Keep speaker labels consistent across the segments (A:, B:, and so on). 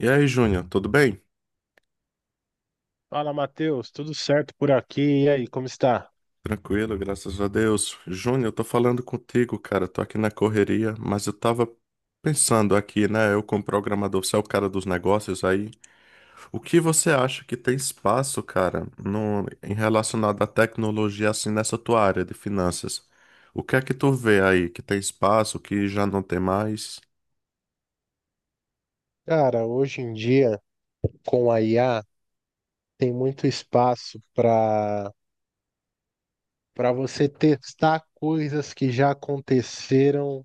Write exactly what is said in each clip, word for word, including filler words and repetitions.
A: E aí, Júnior, tudo bem?
B: Fala, Matheus, tudo certo por aqui? E aí, como está?
A: Tranquilo, graças a Deus. Júnior, eu tô falando contigo, cara. Tô aqui na correria, mas eu tava pensando aqui, né? Eu, como programador, você é o cara dos negócios aí. O que você acha que tem espaço, cara, no, em relacionado à tecnologia, assim, nessa tua área de finanças? O que é que tu vê aí que tem espaço, que já não tem mais?
B: Cara, hoje em dia, com a I A, tem muito espaço para para você testar coisas que já aconteceram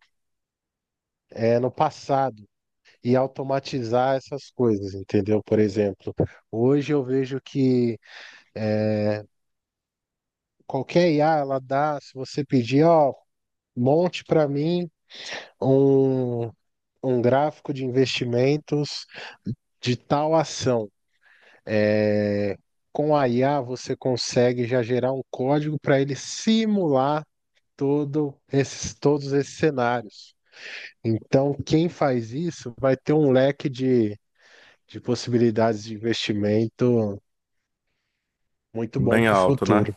B: é, no passado e automatizar essas coisas, entendeu? Por exemplo, hoje eu vejo que é, qualquer I A, ela dá, se você pedir, ó, monte para mim um, um gráfico de investimentos de tal ação. É, com a I A você consegue já gerar um código para ele simular todo esses, todos esses cenários. Então, quem faz isso vai ter um leque de, de possibilidades de investimento muito bom
A: Bem
B: para o
A: alto, né?
B: futuro.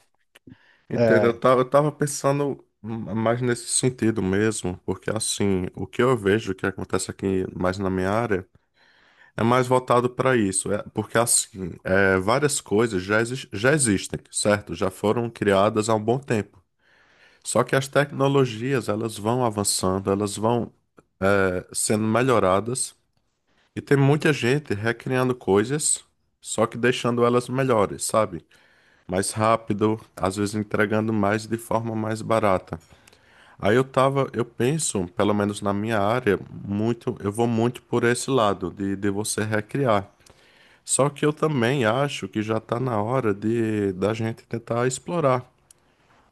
A: Entendo, eu
B: É.
A: tava, eu tava pensando mais nesse sentido mesmo, porque assim, o que eu vejo que acontece aqui mais na minha área é mais voltado para isso, é, porque assim, é, várias coisas já, exis- já existem, certo? Já foram criadas há um bom tempo. Só que as tecnologias, elas vão avançando, elas vão, é, sendo melhoradas, e tem muita gente recriando coisas, só que deixando elas melhores, sabe? Mais rápido, às vezes entregando mais de forma mais barata. Aí eu tava, eu penso, pelo menos na minha área, muito, eu vou muito por esse lado de, de você recriar. Só que eu também acho que já tá na hora de da gente tentar explorar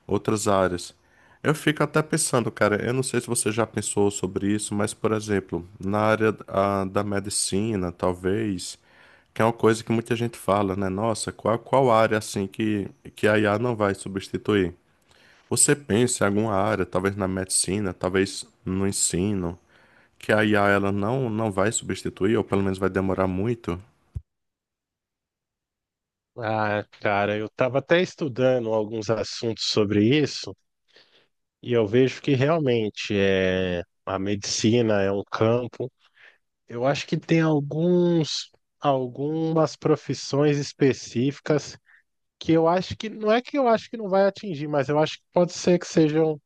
A: outras áreas. Eu fico até pensando, cara, eu não sei se você já pensou sobre isso, mas, por exemplo, na área ah, da medicina, talvez, que é uma coisa que muita gente fala, né? Nossa, qual, qual área assim que, que a I A não vai substituir? Você pensa em alguma área, talvez na medicina, talvez no ensino, que a I A ela não, não vai substituir, ou pelo menos vai demorar muito?
B: Ah, cara, eu estava até estudando alguns assuntos sobre isso e eu vejo que realmente é, a medicina é um campo. Eu acho que tem alguns, algumas profissões específicas que eu acho que não é que eu acho que não vai atingir, mas eu acho que pode ser que sejam,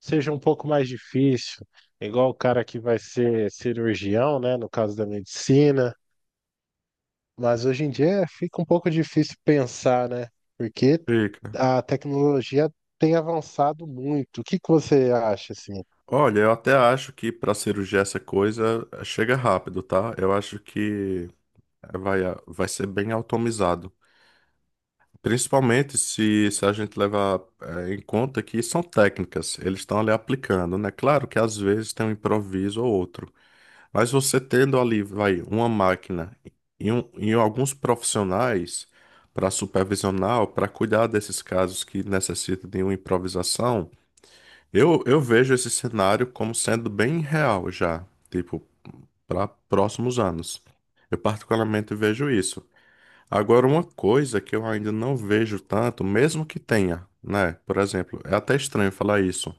B: seja um pouco mais difícil, igual o cara que vai ser cirurgião, né, no caso da medicina, mas hoje em dia fica um pouco difícil pensar, né? Porque
A: Fica.
B: a tecnologia tem avançado muito. O que que você acha assim?
A: Olha, eu até acho que para cirurgia essa coisa eh, chega rápido, tá? Eu acho que eh, vai, ah, vai ser bem automatizado. Principalmente se, se a gente levar eh, em conta que são técnicas, eles estão ali aplicando, né? Claro que às vezes tem um improviso ou outro, Mas você tendo ali, vai, uma máquina e, um, e alguns profissionais para supervisionar, para cuidar desses casos que necessitam de uma improvisação, eu, eu vejo esse cenário como sendo bem real já, tipo, para próximos anos. Eu particularmente vejo isso. Agora, uma coisa que eu ainda não vejo tanto, mesmo que tenha, né? Por exemplo, é até estranho falar isso,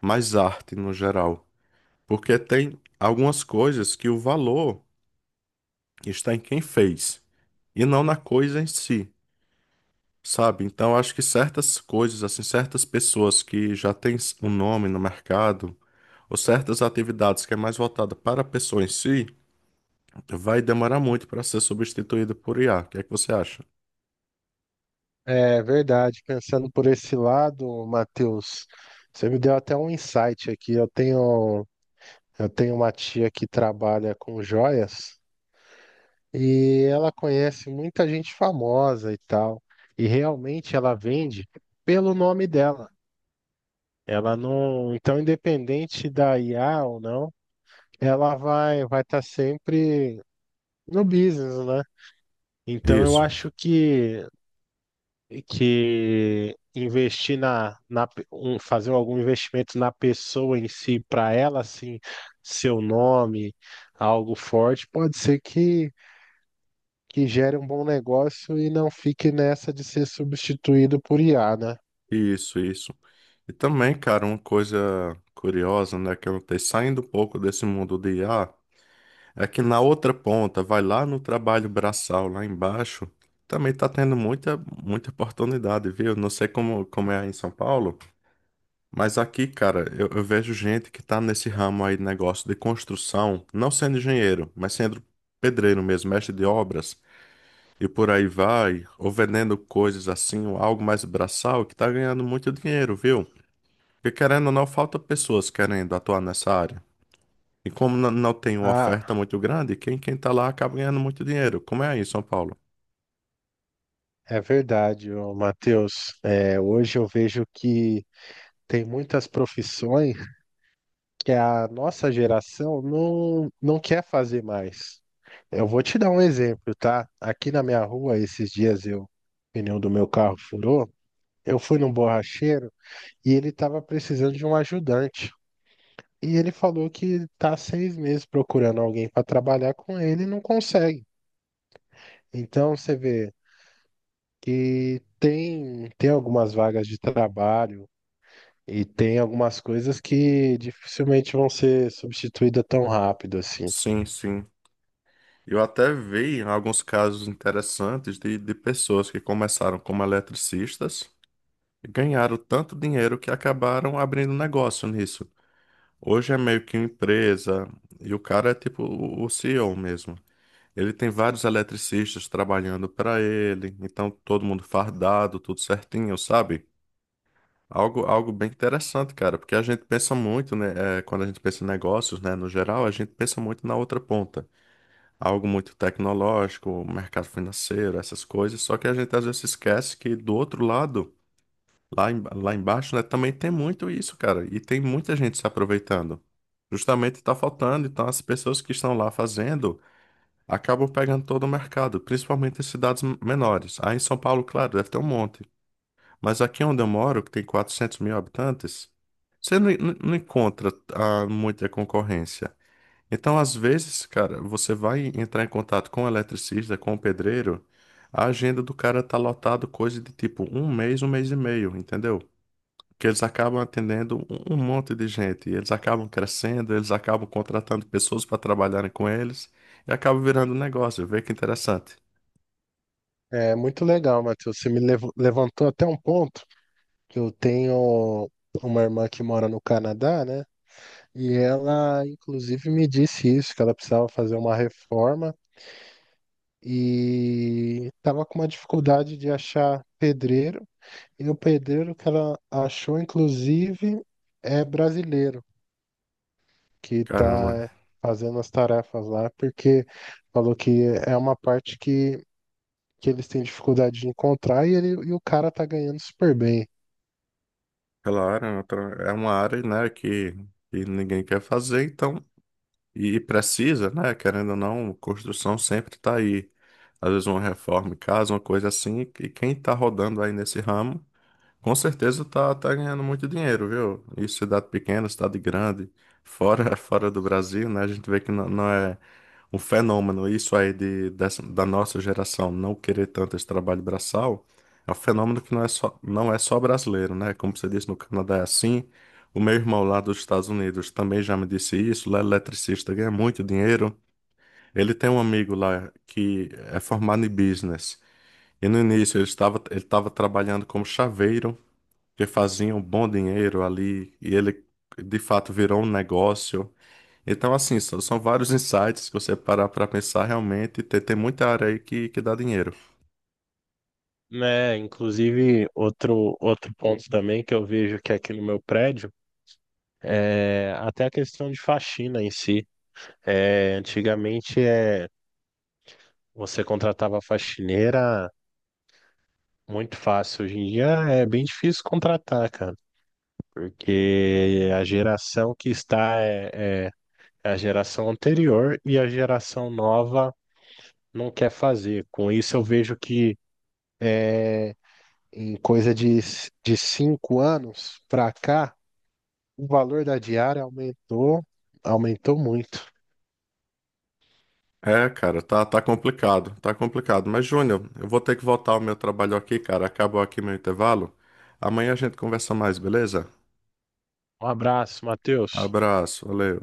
A: mas arte no geral. Porque tem algumas coisas que o valor. está em quem fez e não na coisa em si, sabe? Então acho que certas coisas, assim, certas pessoas que já têm um nome no mercado ou certas atividades que é mais voltada para a pessoa em si, vai demorar muito para ser substituída por I A. O que é que você acha?
B: É verdade, pensando por esse lado, Matheus, você me deu até um insight aqui. Eu tenho, eu tenho uma tia que trabalha com joias e ela conhece muita gente famosa e tal. E realmente ela vende pelo nome dela. Ela não, então independente da I A ou não, ela vai vai estar sempre no business, né? Então eu
A: Isso,
B: acho que que investir na, na pe- um- fazer algum investimento na pessoa em si, para ela, assim, seu nome, algo forte, pode ser que, que gere um bom negócio e não fique nessa de ser substituído por I A, né?
A: isso, isso. E também, cara, uma coisa curiosa, né, que eu notei, saindo um pouco desse mundo de IA, Aqui na outra ponta, vai lá no trabalho braçal, lá embaixo, também tá tendo muita, muita oportunidade, viu? Não sei como, como é aí em São Paulo, mas aqui, cara, eu, eu vejo gente que tá nesse ramo aí, negócio de construção, não sendo engenheiro, mas sendo pedreiro mesmo, mestre de obras, e por aí vai, ou vendendo coisas assim, ou algo mais braçal, que tá ganhando muito dinheiro, viu? Porque querendo ou não, falta pessoas querendo atuar nessa área. E como n- não tem uma oferta
B: Ah,
A: muito grande, quem, quem tá lá acaba ganhando muito dinheiro. Como é aí em São Paulo?
B: é verdade, ô, Matheus. É, hoje eu vejo que tem muitas profissões que a nossa geração não, não quer fazer mais. Eu vou te dar um exemplo, tá? Aqui na minha rua, esses dias eu, o pneu do meu carro furou, eu fui num borracheiro e ele estava precisando de um ajudante. E ele falou que tá há seis meses procurando alguém para trabalhar com ele e não consegue. Então você vê que tem, tem algumas vagas de trabalho e tem algumas coisas que dificilmente vão ser substituídas tão rápido assim.
A: Sim, sim. Eu até vi alguns casos interessantes de, de pessoas que começaram como eletricistas e ganharam tanto dinheiro que acabaram abrindo negócio nisso. Hoje é meio que uma empresa e o cara é tipo o o C E O mesmo. Ele tem vários eletricistas trabalhando para ele, então todo mundo fardado, tudo certinho, sabe? Algo, algo bem interessante, cara, porque a gente pensa muito, né? eh, quando a gente pensa em negócios, né, no geral, a gente pensa muito na outra ponta. Algo muito tecnológico, mercado financeiro, essas coisas. Só que a gente às vezes esquece que do outro lado, lá, em- lá embaixo, né, também tem muito isso, cara. E tem muita gente se aproveitando. Justamente está faltando. Então, as pessoas que estão lá fazendo acabam pegando todo o mercado, principalmente em cidades menores. Aí em São Paulo, claro, deve ter um monte. Mas aqui onde eu moro, que tem quatrocentos mil habitantes, você não, não- não encontra ah, muita concorrência. Então, às vezes, cara, você vai entrar em contato com o eletricista, com o pedreiro, a agenda do cara tá lotado coisa de tipo um mês, um mês e meio, entendeu? Que eles acabam atendendo um um monte de gente, e eles acabam crescendo, eles acabam contratando pessoas para trabalharem com eles, e acaba virando um negócio. Vê que interessante.
B: É muito legal, Matheus. Você me lev- levantou até um ponto. Eu tenho uma irmã que mora no Canadá, né? E ela, inclusive, me disse isso, que ela precisava fazer uma reforma e estava com uma dificuldade de achar pedreiro. E o pedreiro que ela achou, inclusive, é brasileiro, que
A: Caramba.
B: está fazendo as tarefas lá, porque falou que é uma parte que, que eles têm dificuldade de encontrar e, ele, e o cara tá ganhando super bem.
A: Claro, é outra- é uma área, né, que, que ninguém quer fazer, então, e precisa, né, querendo ou não, construção sempre tá aí. Às vezes uma reforma em casa, uma coisa assim, e quem tá rodando aí nesse ramo com certeza tá, tá ganhando muito dinheiro, viu? Isso, cidade pequena, cidade grande, fora, fora do Brasil, né? A gente vê que não, não é um fenômeno isso aí de, dessa- da nossa geração não querer tanto esse trabalho braçal. É um fenômeno que não é só, não é só brasileiro, né? Como você disse, no Canadá é assim. O meu irmão lá dos Estados Unidos também já me disse isso. Lá é eletricista, ganha muito dinheiro. Ele tem um amigo lá que é formado em business. E no início ele estava, ele estava trabalhando como chaveiro que faziam um bom dinheiro ali e ele de fato virou um negócio. Então, assim, são são vários insights que você parar para pensar realmente, tem, tem muita área aí que, que dá dinheiro.
B: Né? Inclusive, outro, outro ponto também que eu vejo que é aqui no meu prédio, é até a questão de faxina em si. É, antigamente é, você contratava faxineira muito fácil, hoje em dia é bem difícil contratar, cara, porque a geração que está é, é é a geração anterior e a geração nova não quer fazer. Com isso, eu vejo que em coisa de, de cinco anos para cá, o valor da diária aumentou, aumentou muito.
A: É, cara, tá, tá complicado, tá complicado. Mas, Júnior, eu vou ter que voltar ao meu trabalho aqui, cara. Acabou aqui meu intervalo. Amanhã a gente conversa mais, beleza?
B: Um abraço, Matheus.
A: Abraço, valeu.